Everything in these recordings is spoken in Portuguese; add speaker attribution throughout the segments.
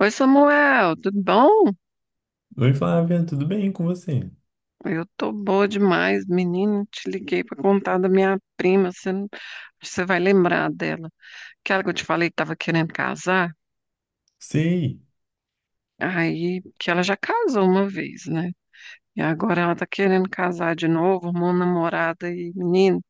Speaker 1: Oi, Samuel, tudo bom?
Speaker 2: Oi, Flávia, tudo bem com você?
Speaker 1: Eu tô boa demais, menino. Te liguei pra contar da minha prima. Você, não- Você vai lembrar dela. Aquela que eu te falei que tava querendo casar.
Speaker 2: Sei.
Speaker 1: Aí, que ela já casou uma vez, né? E agora ela tá querendo casar de novo, arrumou um namorado aí, menino.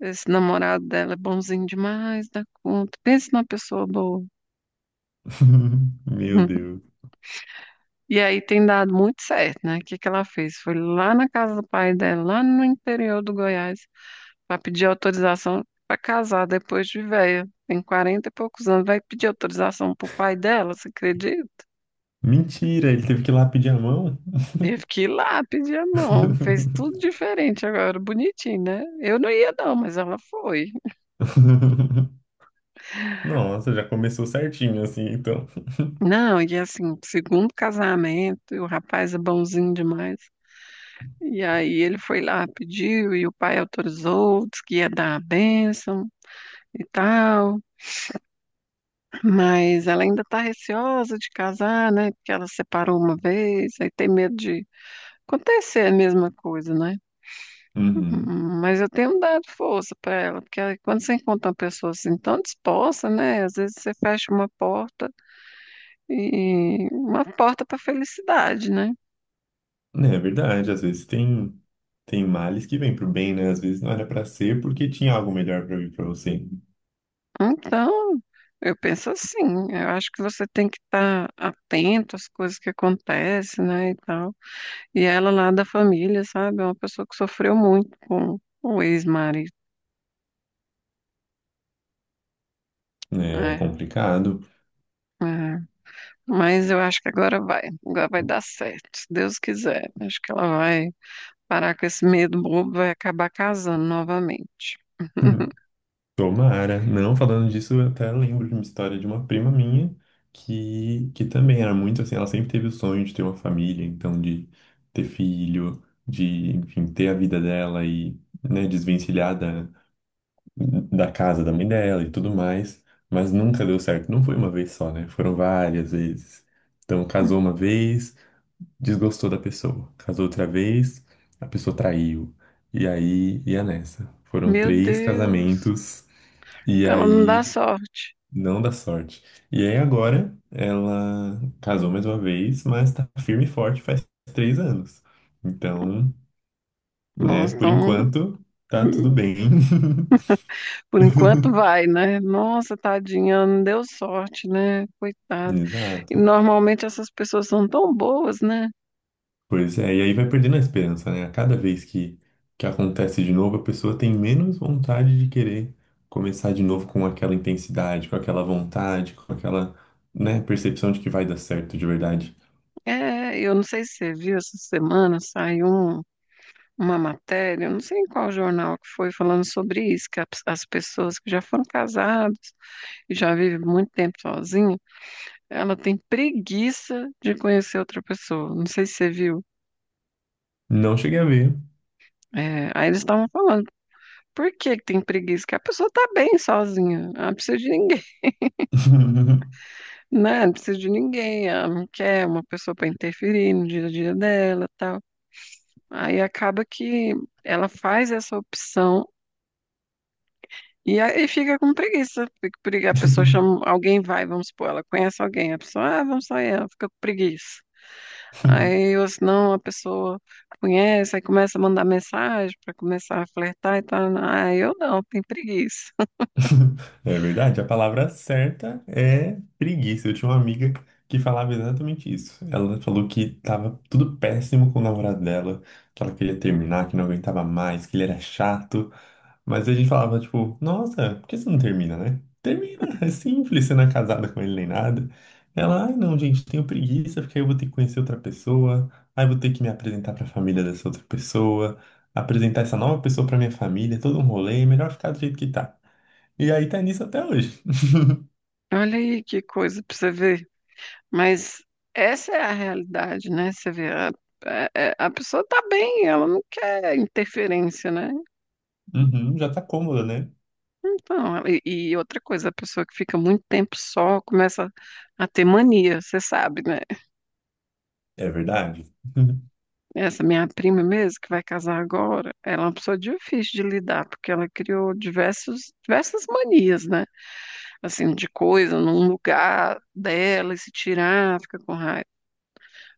Speaker 1: Esse namorado dela é bonzinho demais, dá conta. Pensa numa pessoa boa.
Speaker 2: Meu Deus.
Speaker 1: E aí tem dado muito certo, né? O que que ela fez? Foi lá na casa do pai dela, lá no interior do Goiás. Vai pedir autorização para casar depois de velha. Tem 40 e poucos anos. Vai pedir autorização pro pai dela, você acredita?
Speaker 2: Mentira, ele teve que ir lá pedir a mão?
Speaker 1: Teve que ir lá pedir a mão. Fez tudo diferente agora. Bonitinho, né? Eu não ia, não, mas ela foi.
Speaker 2: Nossa, já começou certinho assim, então.
Speaker 1: Não, e assim, segundo casamento, e o rapaz é bonzinho demais. E aí ele foi lá, pediu, e o pai autorizou, disse que ia dar a bênção e tal. Mas ela ainda tá receosa de casar, né? Porque ela separou uma vez, aí tem medo de acontecer é a mesma coisa, né?
Speaker 2: Uhum.
Speaker 1: Uhum, mas eu tenho dado força para ela, porque aí quando você encontra uma pessoa assim tão disposta, né? Às vezes você fecha uma porta e uma porta para felicidade, né?
Speaker 2: É verdade, às vezes tem males que vêm pro bem, né? Às vezes não era pra ser porque tinha algo melhor pra vir pra você.
Speaker 1: Então, eu penso assim, eu acho que você tem que estar atento às coisas que acontecem, né, e tal. E ela lá da família, sabe? É uma pessoa que sofreu muito com o ex-marido,
Speaker 2: Né? É
Speaker 1: né?
Speaker 2: complicado.
Speaker 1: É, mas eu acho que agora vai. Agora vai dar certo, se Deus quiser. Acho que ela vai parar com esse medo bobo, vai acabar casando novamente.
Speaker 2: Tomara. Não, falando disso, eu até lembro de uma história de uma prima minha que também era muito assim, ela sempre teve o sonho de ter uma família, então de ter filho, enfim, ter a vida dela e, né, desvencilhar da casa da mãe dela e tudo mais, mas nunca deu certo. Não foi uma vez só, né? Foram várias vezes. Então, casou uma vez, desgostou da pessoa. Casou outra vez, a pessoa traiu. E aí, ia nessa. Foram
Speaker 1: Meu
Speaker 2: três
Speaker 1: Deus,
Speaker 2: casamentos. E
Speaker 1: ela não dá
Speaker 2: aí
Speaker 1: sorte.
Speaker 2: não dá sorte. E aí agora ela casou mais uma vez, mas tá firme e forte faz 3 anos. Então, né,
Speaker 1: Nossa,
Speaker 2: por
Speaker 1: então,
Speaker 2: enquanto tá tudo bem.
Speaker 1: por enquanto vai, né? Nossa, tadinha, ela não deu sorte, né? Coitada. E
Speaker 2: Exato.
Speaker 1: normalmente essas pessoas são tão boas, né?
Speaker 2: Pois é, e aí vai perdendo a esperança, né? A cada vez que acontece de novo, a pessoa tem menos vontade de querer começar de novo com aquela intensidade, com aquela vontade, com aquela, né, percepção de que vai dar certo de verdade.
Speaker 1: É, eu não sei se você viu essa semana, saiu um. Uma matéria, eu não sei em qual jornal que foi, falando sobre isso, que as pessoas que já foram casadas e já vivem muito tempo sozinha, ela tem preguiça de conhecer outra pessoa. Não sei se você viu.
Speaker 2: Não cheguei a ver.
Speaker 1: É, aí eles estavam falando, por que que tem preguiça? Que a pessoa tá bem sozinha, ela não precisa de ninguém, né? Não precisa de ninguém, ela não quer uma pessoa para interferir no dia a dia dela, tal. Aí acaba que ela faz essa opção. E aí fica com preguiça, porque a pessoa chama, alguém vai, vamos supor, ela conhece alguém, a pessoa, ah, vamos sair, ela fica com preguiça. Aí, ou senão, a pessoa conhece, aí começa a mandar mensagem para começar a flertar e tal. Ah, eu não, tenho preguiça.
Speaker 2: É verdade, a palavra certa é preguiça. Eu tinha uma amiga que falava exatamente isso. Ela falou que tava tudo péssimo com o namorado dela, que ela queria terminar, que não aguentava mais, que ele era chato. Mas a gente falava, tipo, nossa, por que você não termina, né? Termina, é simples, você não é casada com ele nem nada. Ela, ai não, gente, tenho preguiça, porque aí eu vou ter que conhecer outra pessoa, aí eu vou ter que me apresentar pra família dessa outra pessoa, apresentar essa nova pessoa pra minha família, é todo um rolê, é melhor ficar do jeito que tá. E aí tá nisso até hoje.
Speaker 1: Olha aí que coisa para você ver. Mas essa é a realidade, né? Você vê, a, a pessoa tá bem, ela não quer interferência, né?
Speaker 2: Uhum, já tá cômoda, né?
Speaker 1: Então, e outra coisa, a pessoa que fica muito tempo só começa a ter mania, você sabe, né?
Speaker 2: É verdade.
Speaker 1: Essa minha prima mesmo, que vai casar agora, ela é uma pessoa difícil de lidar, porque ela criou diversas manias, né? Assim, de coisa num lugar dela e se tirar, fica com raiva.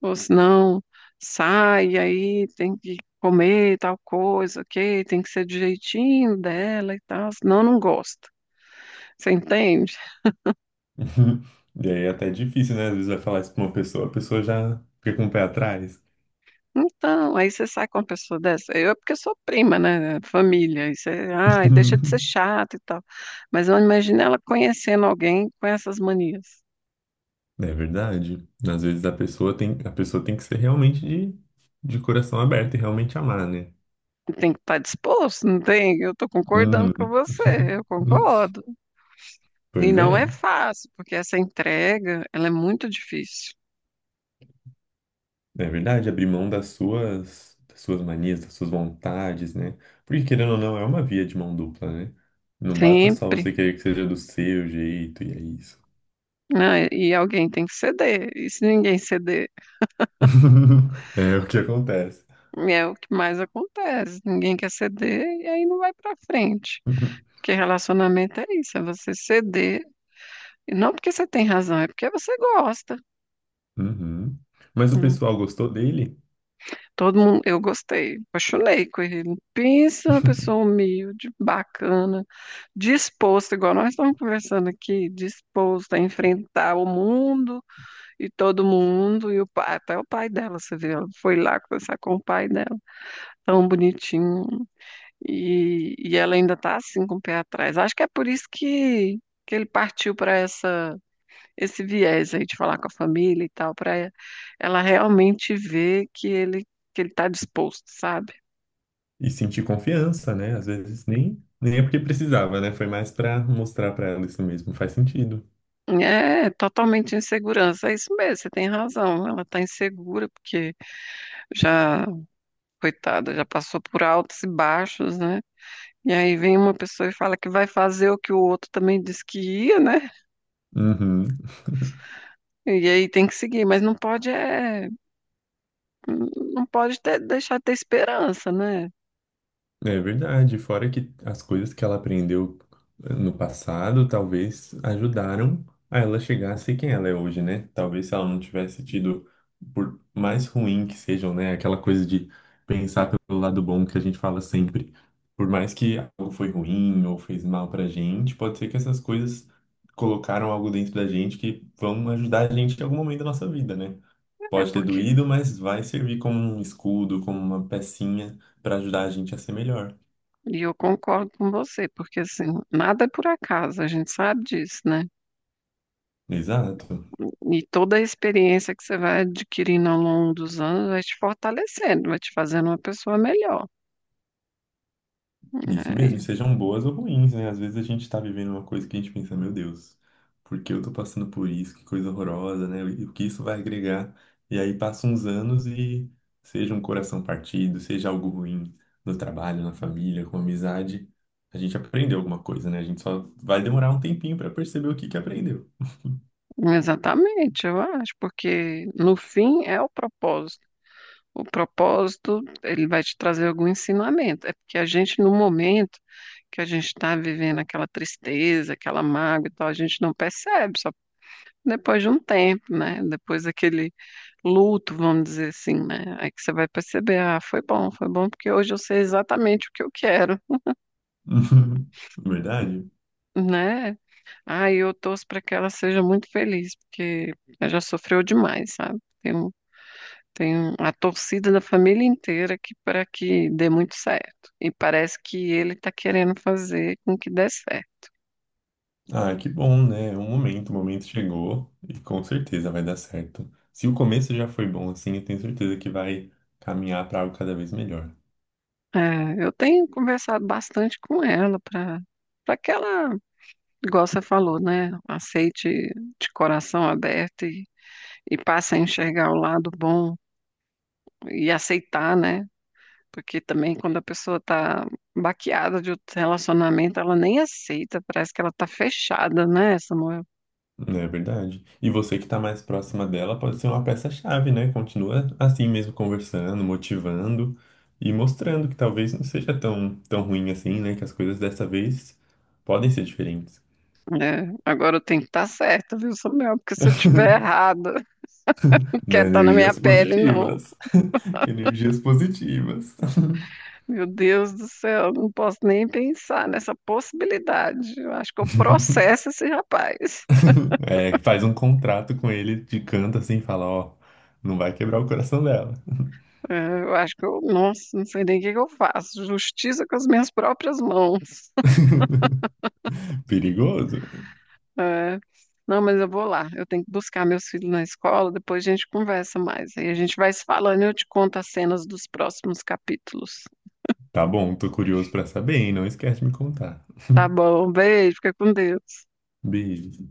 Speaker 1: Ou senão, sai, aí tem que comer tal coisa, ok? Tem que ser do jeitinho dela e tal, senão não gosta. Você entende?
Speaker 2: E aí é até difícil, né? Às vezes vai falar isso pra uma pessoa, a pessoa já fica com o pé atrás.
Speaker 1: Então, aí você sai com uma pessoa dessa. Eu é porque eu sou prima, né? Família. Isso é, ai, deixa de ser chato e tal. Mas eu imagino ela conhecendo alguém com essas manias.
Speaker 2: É verdade. Às vezes a pessoa tem que ser realmente de, coração aberto e realmente amar, né?
Speaker 1: Tem que estar disposto, não tem? Eu estou concordando com
Speaker 2: Uhum.
Speaker 1: você, eu concordo. E
Speaker 2: Pois é.
Speaker 1: não é fácil, porque essa entrega, ela é muito difícil.
Speaker 2: É verdade, abrir mão das suas manias, das suas vontades, né? Porque querendo ou não, é uma via de mão dupla, né? Não basta só
Speaker 1: Sempre.
Speaker 2: você querer que seja do seu jeito e é isso.
Speaker 1: Né? E alguém tem que ceder. E se ninguém ceder,
Speaker 2: É o que acontece.
Speaker 1: é o que mais acontece. Ninguém quer ceder e aí não vai para frente. Porque relacionamento é isso, é você ceder. Não porque você tem razão, é porque você gosta.
Speaker 2: Uhum. Mas o
Speaker 1: Hum.
Speaker 2: pessoal gostou dele?
Speaker 1: Todo mundo, eu gostei, apaixonei com ele. Pensa numa pessoa humilde, bacana, disposta, igual nós estamos conversando aqui, disposta a enfrentar o mundo e todo mundo, e o pai, até o pai dela, você viu, ela foi lá conversar com o pai dela, tão bonitinho. E ela ainda está assim com o pé atrás. Acho que é por isso que ele partiu para essa, esse viés aí de falar com a família e tal, para ela realmente ver que ele está disposto, sabe?
Speaker 2: E sentir confiança, né? Às vezes nem é porque precisava, né? Foi mais pra mostrar pra ela isso mesmo. Faz sentido.
Speaker 1: É totalmente insegurança, é isso mesmo, você tem razão. Ela está insegura porque já, coitada, já passou por altos e baixos, né? E aí vem uma pessoa e fala que vai fazer o que o outro também disse que ia, né?
Speaker 2: Uhum.
Speaker 1: E aí tem que seguir, mas não pode é, não pode ter- deixar de ter esperança, né?
Speaker 2: É verdade, fora que as coisas que ela aprendeu no passado talvez ajudaram a ela chegar a ser quem ela é hoje, né? Talvez se ela não tivesse tido, por mais ruim que sejam, né? Aquela coisa de pensar pelo lado bom que a gente fala sempre. Por mais que algo foi ruim ou fez mal pra gente, pode ser que essas coisas colocaram algo dentro da gente que vão ajudar a gente em algum momento da nossa vida, né?
Speaker 1: É
Speaker 2: Pode ter
Speaker 1: porque
Speaker 2: doído, mas vai servir como um escudo, como uma pecinha para ajudar a gente a ser melhor.
Speaker 1: E eu concordo com você, porque assim, nada é por acaso, a gente sabe disso, né?
Speaker 2: Exato,
Speaker 1: E toda a experiência que você vai adquirindo ao longo dos anos vai te fortalecendo, vai te fazendo uma pessoa melhor.
Speaker 2: isso mesmo, e sejam boas ou ruins, né? Às vezes a gente tá vivendo uma coisa que a gente pensa, meu Deus, por que eu tô passando por isso? Que coisa horrorosa, né? E o que isso vai agregar? E aí passam uns anos e seja um coração partido, seja algo ruim no trabalho, na família, com amizade, a gente aprendeu alguma coisa, né? A gente só vai demorar um tempinho pra perceber o que que aprendeu.
Speaker 1: É, exatamente, eu acho, porque no fim é o propósito. O propósito, ele vai te trazer algum ensinamento. É porque a gente, no momento que a gente está vivendo aquela tristeza, aquela mágoa e tal, a gente não percebe, depois de um tempo, né? Depois daquele luto, vamos dizer assim, né? Aí que você vai perceber, ah, foi bom, porque hoje eu sei exatamente o que eu quero,
Speaker 2: Verdade?
Speaker 1: né? Ah, e eu torço para que ela seja muito feliz, porque ela já sofreu demais, sabe? Tem um, a torcida da família inteira que para que dê muito certo. E parece que ele está querendo fazer com que dê certo.
Speaker 2: Ah, que bom, né? O momento chegou e com certeza vai dar certo. Se o começo já foi bom assim, eu tenho certeza que vai caminhar para algo cada vez melhor.
Speaker 1: É, eu tenho conversado bastante com ela para que ela, igual você falou, né? Aceite de coração aberto e passe a enxergar o lado bom e aceitar, né? Porque também quando a pessoa tá baqueada de outro relacionamento, ela nem aceita, parece que ela tá fechada, né, Samuel?
Speaker 2: Não é verdade? E você que está mais próxima dela pode ser uma peça-chave, né? Continua assim mesmo conversando, motivando e mostrando que talvez não seja tão, tão ruim assim, né? Que as coisas dessa vez podem ser diferentes.
Speaker 1: É, agora eu tenho que estar tá certa, viu, Samuel? Porque se eu tiver errada, não
Speaker 2: Não,
Speaker 1: quer estar na minha
Speaker 2: energias
Speaker 1: pele, não.
Speaker 2: positivas. Energias positivas.
Speaker 1: Meu Deus do céu, não posso nem pensar nessa possibilidade. Eu acho que eu processo esse rapaz.
Speaker 2: É, faz um contrato com ele de canto assim, fala, ó, não vai quebrar o coração dela.
Speaker 1: É, eu acho que eu, nossa, não sei nem o que que eu faço. Justiça com as minhas próprias mãos.
Speaker 2: Perigoso.
Speaker 1: É. Não, mas eu vou lá. Eu tenho que buscar meus filhos na escola, depois a gente conversa mais. Aí a gente vai se falando e eu te conto as cenas dos próximos capítulos.
Speaker 2: Tá bom, tô curioso pra saber, hein? Não esquece de me contar.
Speaker 1: Tá bom, beijo, fica com Deus.
Speaker 2: Beijo.